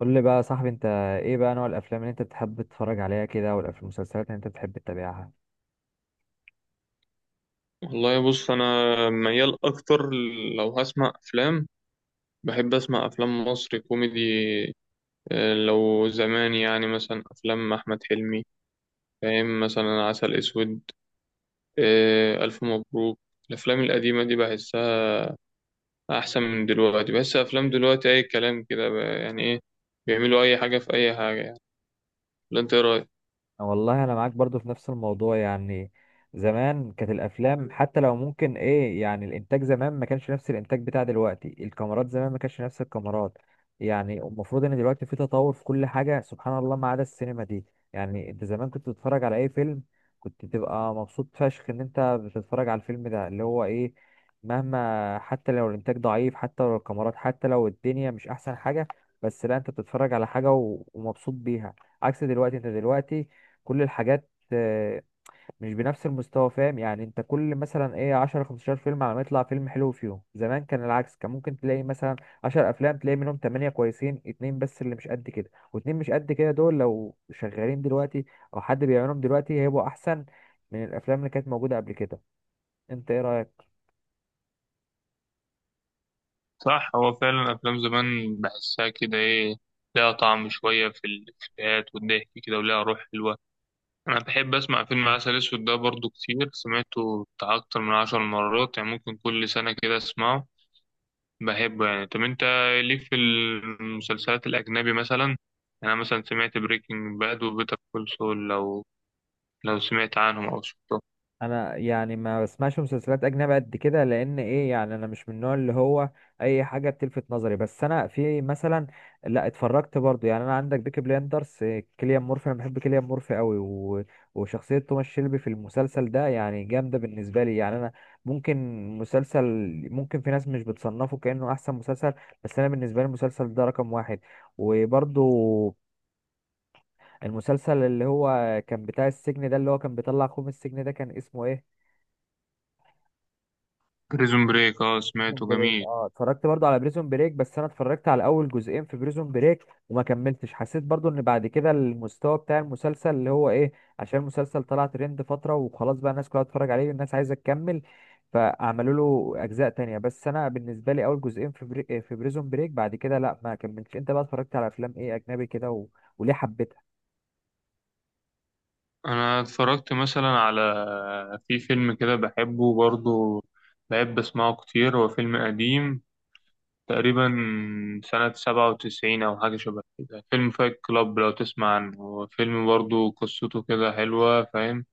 قول لي بقى يا صاحبي انت، ايه بقى نوع الافلام اللي انت بتحب تتفرج عليها كده والمسلسلات اللي انت بتحب تتابعها؟ والله بص انا ميال اكتر لو هسمع افلام. بحب اسمع افلام مصري كوميدي. لو زمان يعني مثلا افلام احمد حلمي، فاهم؟ مثلا عسل اسود، الف مبروك. الافلام القديمه دي بحسها احسن من دلوقتي. بحس افلام دلوقتي اي كلام كده يعني ايه، بيعملوا اي حاجه في اي حاجه يعني. ولا انت إيه رايك؟ والله انا معاك برضو في نفس الموضوع يعني. زمان كانت الافلام حتى لو ممكن ايه يعني الانتاج زمان ما كانش نفس الانتاج بتاع دلوقتي، الكاميرات زمان ما كانش نفس الكاميرات. يعني المفروض ان دلوقتي في تطور في كل حاجة سبحان الله ما عدا السينما دي. يعني انت زمان كنت تتفرج على اي فيلم كنت تبقى مبسوط فشخ ان انت بتتفرج على الفيلم ده اللي هو ايه، مهما حتى لو الانتاج ضعيف حتى لو الكاميرات حتى لو الدنيا مش احسن حاجة، بس لا انت بتتفرج على حاجة ومبسوط بيها. عكس دلوقتي، انت دلوقتي كل الحاجات آه، مش بنفس المستوى. فاهم يعني انت كل مثلا ايه 10 15 فيلم على ما يطلع فيلم حلو فيهم. زمان كان العكس، كان ممكن تلاقي مثلا 10 افلام تلاقي منهم 8 كويسين، اتنين بس اللي مش قد كده، واتنين مش قد كده دول لو شغالين دلوقتي او حد بيعملهم دلوقتي هيبقوا احسن من الافلام اللي كانت موجودة قبل كده. انت ايه رأيك؟ صح، هو فعلا أفلام زمان بحسها كده إيه، لها طعم شوية في الإفيهات والضحك كده ولها روح حلوة. أنا بحب أسمع فيلم عسل أسود ده برضو، كتير سمعته بتاع أكتر من 10 مرات يعني، ممكن كل سنة كده أسمعه، بحبه يعني. طب أنت ليك في المسلسلات الأجنبي مثلا؟ يعني أنا مثلا سمعت بريكنج باد وبيتر كول سول، لو سمعت عنهم أو شفته؟ انا يعني ما بسمعش مسلسلات اجنبي قد كده، لان ايه يعني انا مش من النوع اللي هو اي حاجه بتلفت نظري. بس انا في مثلا، لا اتفرجت برضو، يعني انا عندك بيكي بليندرز، كيليان مورفي. انا بحب كيليان مورفي قوي و... وشخصيه توماس شيلبي في المسلسل ده يعني جامده بالنسبه لي. يعني انا ممكن مسلسل، ممكن في ناس مش بتصنفه كانه احسن مسلسل، بس انا بالنسبه لي المسلسل ده رقم واحد. وبرضو المسلسل اللي هو كان بتاع السجن ده اللي هو كان بيطلع اخوه من السجن ده كان اسمه ايه؟ بريزون بريك، أه بريزون سمعته بريك، جميل. اه، اتفرجت برضو على بريزون بريك، بس انا اتفرجت على اول جزئين في بريزون بريك وما كملتش. حسيت برضو ان بعد كده المستوى بتاع المسلسل اللي هو ايه، عشان المسلسل طلع ترند فترة وخلاص بقى الناس كلها بتتفرج عليه والناس عايزة تكمل فعملوا له اجزاء تانية. بس انا بالنسبة لي اول جزئين في في بريزون بريك، بعد كده لا ما كملتش. انت بقى اتفرجت على افلام ايه اجنبي كده و... وليه حبيتها؟ أنا اتفرجت مثلا على، في فيلم كده بحبه برضو، بحب أسمعه كتير. هو فيلم قديم تقريبا سنة 97 أو حاجة شبه كده، فيلم فايت كلاب. لو تسمع عنه، هو فيلم برضه قصته كده حلوة، فاهم؟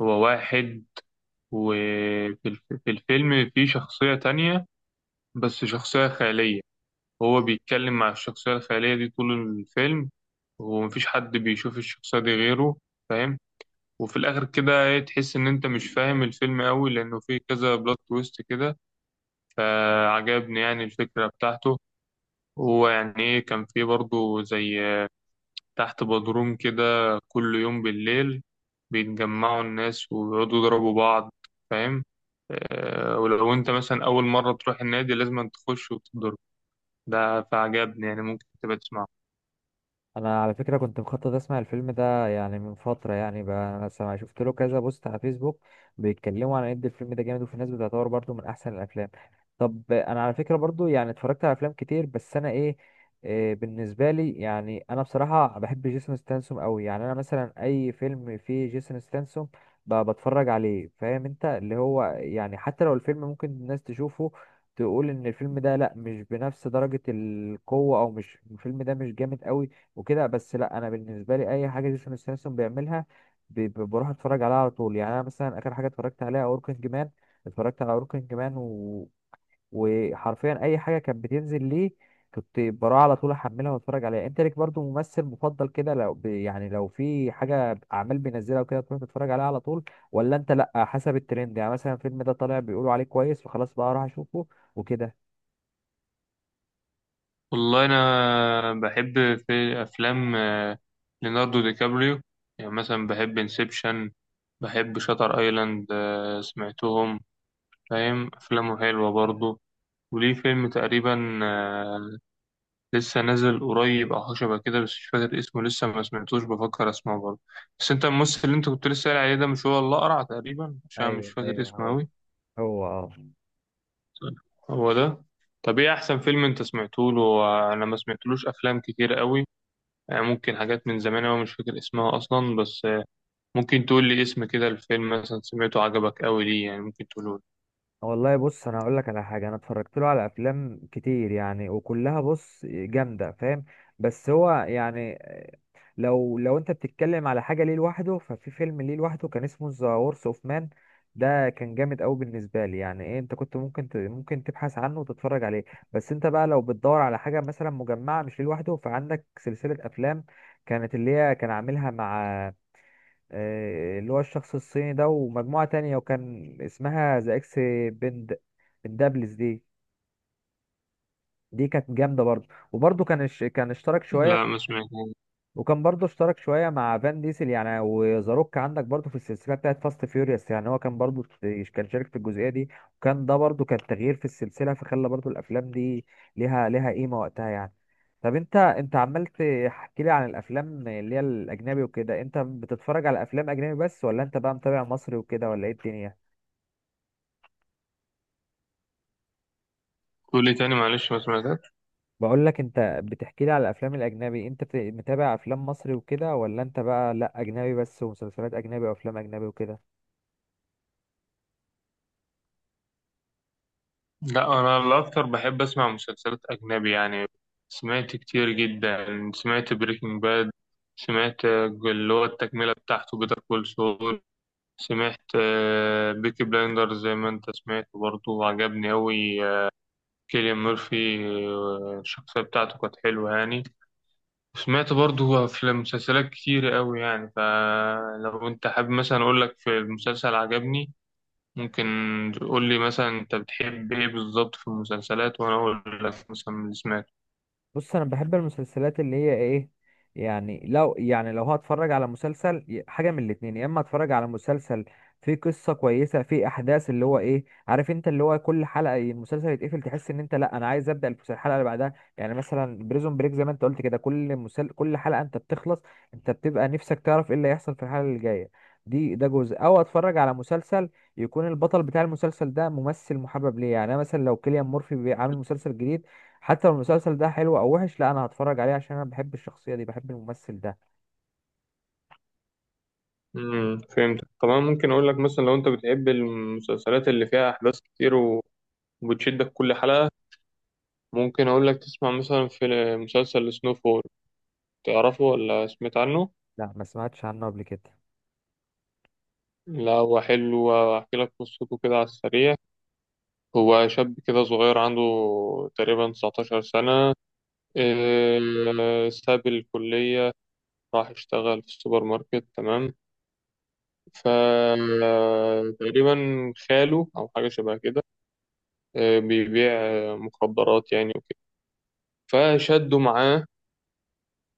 هو واحد، في الفيلم في شخصية تانية بس شخصية خيالية. هو بيتكلم مع الشخصية الخيالية دي طول الفيلم، ومفيش حد بيشوف الشخصية دي غيره، فاهم؟ وفي الآخر كده إيه، تحس إن أنت مش فاهم الفيلم أوي، لأنه فيه كذا بلوت تويست كده. فعجبني يعني الفكرة بتاعته. هو يعني ايه، كان في برضه زي تحت بدروم كده، كل يوم بالليل بيتجمعوا الناس ويقعدوا يضربوا بعض، فاهم؟ ولو انت مثلا اول مرة تروح النادي لازم تخش وتضرب. ده فعجبني يعني، ممكن تبقى تسمعه. انا على فكره كنت مخطط اسمع الفيلم ده يعني من فتره يعني، بقى انا سمع شفت له كذا بوست على فيسبوك بيتكلموا عن قد الفيلم ده جامد، وفي ناس بتعتبره برضو من احسن الافلام. طب انا على فكره برضو يعني اتفرجت على افلام كتير، بس انا ايه, إيه بالنسبه لي يعني انا بصراحه بحب جيسون ستانسوم قوي. يعني انا مثلا اي فيلم فيه جيسون ستانسوم بتفرج عليه. فاهم انت اللي هو يعني حتى لو الفيلم ممكن الناس تشوفه تقول ان الفيلم ده لا مش بنفس درجة القوة او مش الفيلم ده مش جامد قوي وكده، بس لا انا بالنسبه لي اي حاجه جيسون ستاثام بيعملها بروح اتفرج عليها على طول. يعني انا مثلا اخر حاجه اتفرجت عليها اوركينج مان، اتفرجت على اوركينج مان و... وحرفيا اي حاجه كانت بتنزل ليه كنت بروح على طول احملها واتفرج عليها. انت ليك برضو ممثل مفضل كده لو ب... يعني لو في حاجه اعمال بينزلها وكده تروح تتفرج عليها على طول، ولا انت لا حسب الترند يعني مثلا الفيلم ده طالع بيقولوا عليه كويس فخلاص بقى اروح اشوفه وكده؟ والله انا بحب في افلام ليوناردو دي كابريو. يعني مثلا بحب انسبشن، بحب شاتر ايلاند، سمعتهم؟ فاهم، افلامه حلوة برضه. وليه فيلم تقريبا لسه نازل قريب او حاجه شبه كده، بس مش فاكر اسمه، لسه ما سمعتوش، بفكر اسمعه برضه. بس انت الممثل اللي انت كنت لسه قايل عليه ده، مش هو الاقرع تقريبا؟ عشان مش ايوه فاكر ايوه اسمه هو، قوي. هو اه. هو ده؟ طب ايه احسن فيلم انت سمعته له؟ انا ما سمعتلوش افلام كتير قوي، يعني ممكن حاجات من زمان أوي مش فاكر اسمها اصلا، بس ممكن تقول لي اسم كده الفيلم مثلا سمعته عجبك قوي ليه، يعني ممكن تقوله والله بص انا هقول لك على حاجه، انا اتفرجت له على افلام كتير يعني وكلها بص جامده فاهم. بس هو يعني لو انت بتتكلم على حاجه ليه لوحده، ففي فيلم ليه لوحده كان اسمه ذا وورس اوف مان، ده كان جامد قوي بالنسبه لي يعني ايه، انت كنت ممكن ممكن تبحث عنه وتتفرج عليه. بس انت بقى لو بتدور على حاجه مثلا مجمعه مش ليه لوحده، فعندك سلسله افلام كانت اللي هي كان عاملها مع آه، اللي هو الشخص الصيني ده ومجموعة تانية وكان اسمها ذا اكس بند بندابلز. دي دي كانت جامدة برضه، وبرضه كان كان اشترك لي. شوية لا ما سمعتوش. وكان برضه اشترك شويه مع فان ديسل يعني، وزاروك عندك برضه في السلسله بتاعت فاست فيوريوس. يعني هو كان برضه كان شارك في الجزئيه دي، وكان ده برضه كان تغيير في السلسله فخلى برضه الافلام دي ليها قيمه وقتها يعني. طب انت، انت عمال تحكي لي عن الافلام اللي هي الاجنبي وكده، انت بتتفرج على افلام اجنبي بس ولا انت بقى متابع مصري وكده، ولا ايه الدنيا؟ قول لي تاني معلش، ما سمعتش. بقول لك انت بتحكي لي على الافلام الاجنبي، انت متابع افلام مصري وكده ولا انت بقى لا اجنبي بس ومسلسلات اجنبي وافلام اجنبي وكده؟ لا، انا الاكتر بحب اسمع مسلسلات اجنبي يعني، سمعت كتير جدا. سمعت بريكنج باد، سمعت اللي هو التكمله بتاعته بيتر كول سول، سمعت بيكي بلايندر زي ما انت سمعت برضه وعجبني أوي، كيليان ميرفي، الشخصيه بتاعته كانت حلوه يعني. سمعت برضه في مسلسلات كتير أوي يعني، فلو انت حابب مثلا اقول لك في المسلسل عجبني، ممكن تقول لي مثلا انت بتحب ايه بالظبط في المسلسلات، وانا اقول لك مثلا من اللي سمعته. بص انا بحب المسلسلات اللي هي ايه، يعني لو يعني لو هتفرج على مسلسل حاجه من الاتنين، يا اما اتفرج على مسلسل فيه قصه كويسه فيه احداث اللي هو ايه عارف انت اللي هو كل حلقه المسلسل يتقفل تحس ان انت لا انا عايز ابدا الحلقه اللي بعدها، يعني مثلا بريزون بريك زي ما انت قلت كده كل كل حلقه انت بتخلص انت بتبقى نفسك تعرف ايه اللي هيحصل في الحلقه اللي جايه. دي ده جزء، او اتفرج على مسلسل يكون البطل بتاع المسلسل ده ممثل محبب ليه، يعني انا مثلا لو كيليان مورفي عامل مسلسل جديد، حتى لو المسلسل ده حلو او وحش لا انا هتفرج عليه عشان انا بحب الشخصيه دي بحب الممثل ده. فهمت. طبعا ممكن اقول لك مثلا، لو انت بتحب المسلسلات اللي فيها احداث كتير وبتشدك كل حلقة، ممكن اقول لك تسمع مثلا في مسلسل سنو فول. تعرفه ولا سمعت عنه؟ لا ما سمعتش عنه قبل كده. لا هو حلو، احكي لك قصته كده على السريع. هو شاب كده صغير عنده تقريبا 19 سنة. إيه، ساب الكلية راح اشتغل في السوبر ماركت، تمام؟ فتقريبا خاله أو حاجة شبه كده، بيبيع مخدرات يعني وكده، فشده معاه،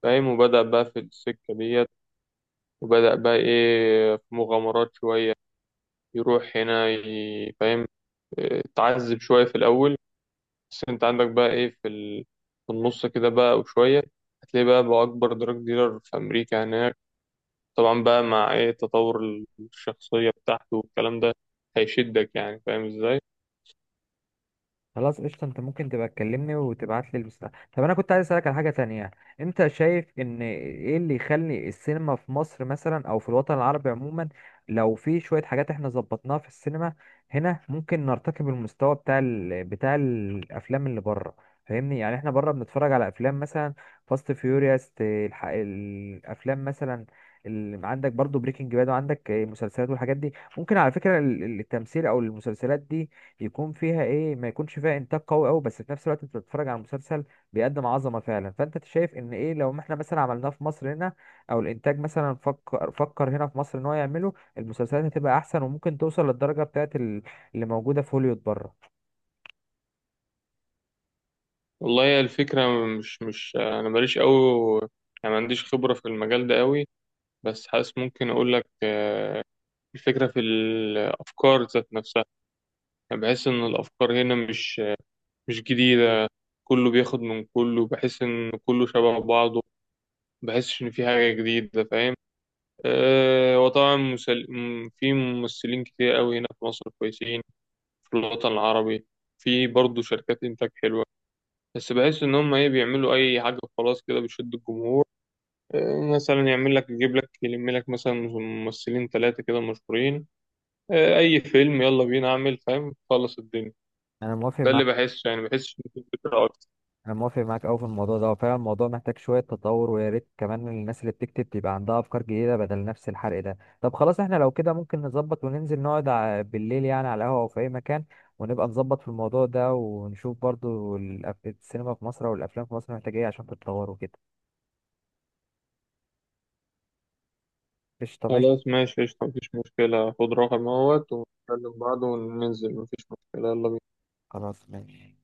فاهم؟ وبدأ بقى في السكة ديت، وبدأ بقى إيه في مغامرات شوية يروح هنا فاهم؟ تعذب شوية في الأول، بس أنت عندك بقى إيه في في النص كده بقى وشوية هتلاقي بقى أكبر دراج ديلر في أمريكا هناك. طبعا بقى مع إيه تطور الشخصية بتاعته والكلام ده، هيشدك يعني فاهم إزاي؟ خلاص قشطة، انت ممكن تبقى تكلمني وتبعت لي المستقبل. طب انا كنت عايز اسألك على حاجة تانية، انت شايف ان ايه اللي يخلي السينما في مصر مثلا او في الوطن العربي عموما، لو في شوية حاجات احنا ظبطناها في السينما هنا ممكن نرتقي بالمستوى بتاع بتاع الافلام اللي بره؟ فاهمني يعني احنا بره بنتفرج على افلام مثلا فاست فيوريوس، الافلام مثلا عندك برضو بريكنج باد وعندك مسلسلات والحاجات دي. ممكن على فكرة التمثيل او المسلسلات دي يكون فيها ايه، ما يكونش فيها انتاج قوي قوي، بس في نفس الوقت انت بتتفرج على مسلسل بيقدم عظمه فعلا. فانت شايف ان ايه لو ما احنا مثلا عملناه في مصر هنا، او الانتاج مثلا فكر هنا في مصر ان هو يعمله، المسلسلات هتبقى احسن وممكن توصل للدرجه بتاعت اللي موجوده في هوليوود بره. والله هي الفكرة، مش أنا ماليش أوي يعني، ما عنديش خبرة في المجال ده أوي، بس حاسس ممكن أقول لك الفكرة في الأفكار ذات نفسها. يعني بحس إن الأفكار هنا مش جديدة. كله بياخد من كله، بحس إن كله شبه بعضه، بحسش إن في حاجة جديدة، فاهم؟ وطبعا في ممثلين كتير أوي هنا في مصر كويسين، في الوطن العربي في برضه شركات إنتاج حلوة، بس بحس إن هم إيه بيعملوا أي حاجة خلاص كده بتشد الجمهور. مثلا يعمل لك يجيب لك يلم لك مثلا ممثلين 3 كده مشهورين، أي فيلم يلا بينا أعمل، فاهم؟ خلص الدنيا. انا ده اللي موافق. بحسه يعني، بحسش إن في فكرة أكتر. انا موافق معاك قوي في الموضوع ده، وفعلا الموضوع محتاج شويه تطور، ويا ريت كمان الناس اللي بتكتب تبقى عندها افكار جديده بدل نفس الحرق ده. طب خلاص احنا لو كده ممكن نظبط وننزل نقعد بالليل يعني على قهوه او في اي مكان، ونبقى نظبط في الموضوع ده ونشوف برضو السينما في مصر او الافلام في مصر محتاجه ايه عشان تتطور وكده. قشطه ماشي. خلاص ماشي قشطة، مفيش مشكلة، خد رقم اهوت ونكلم بعض وننزل، مفيش مشكلة، يلا بينا. خلاص ماشي.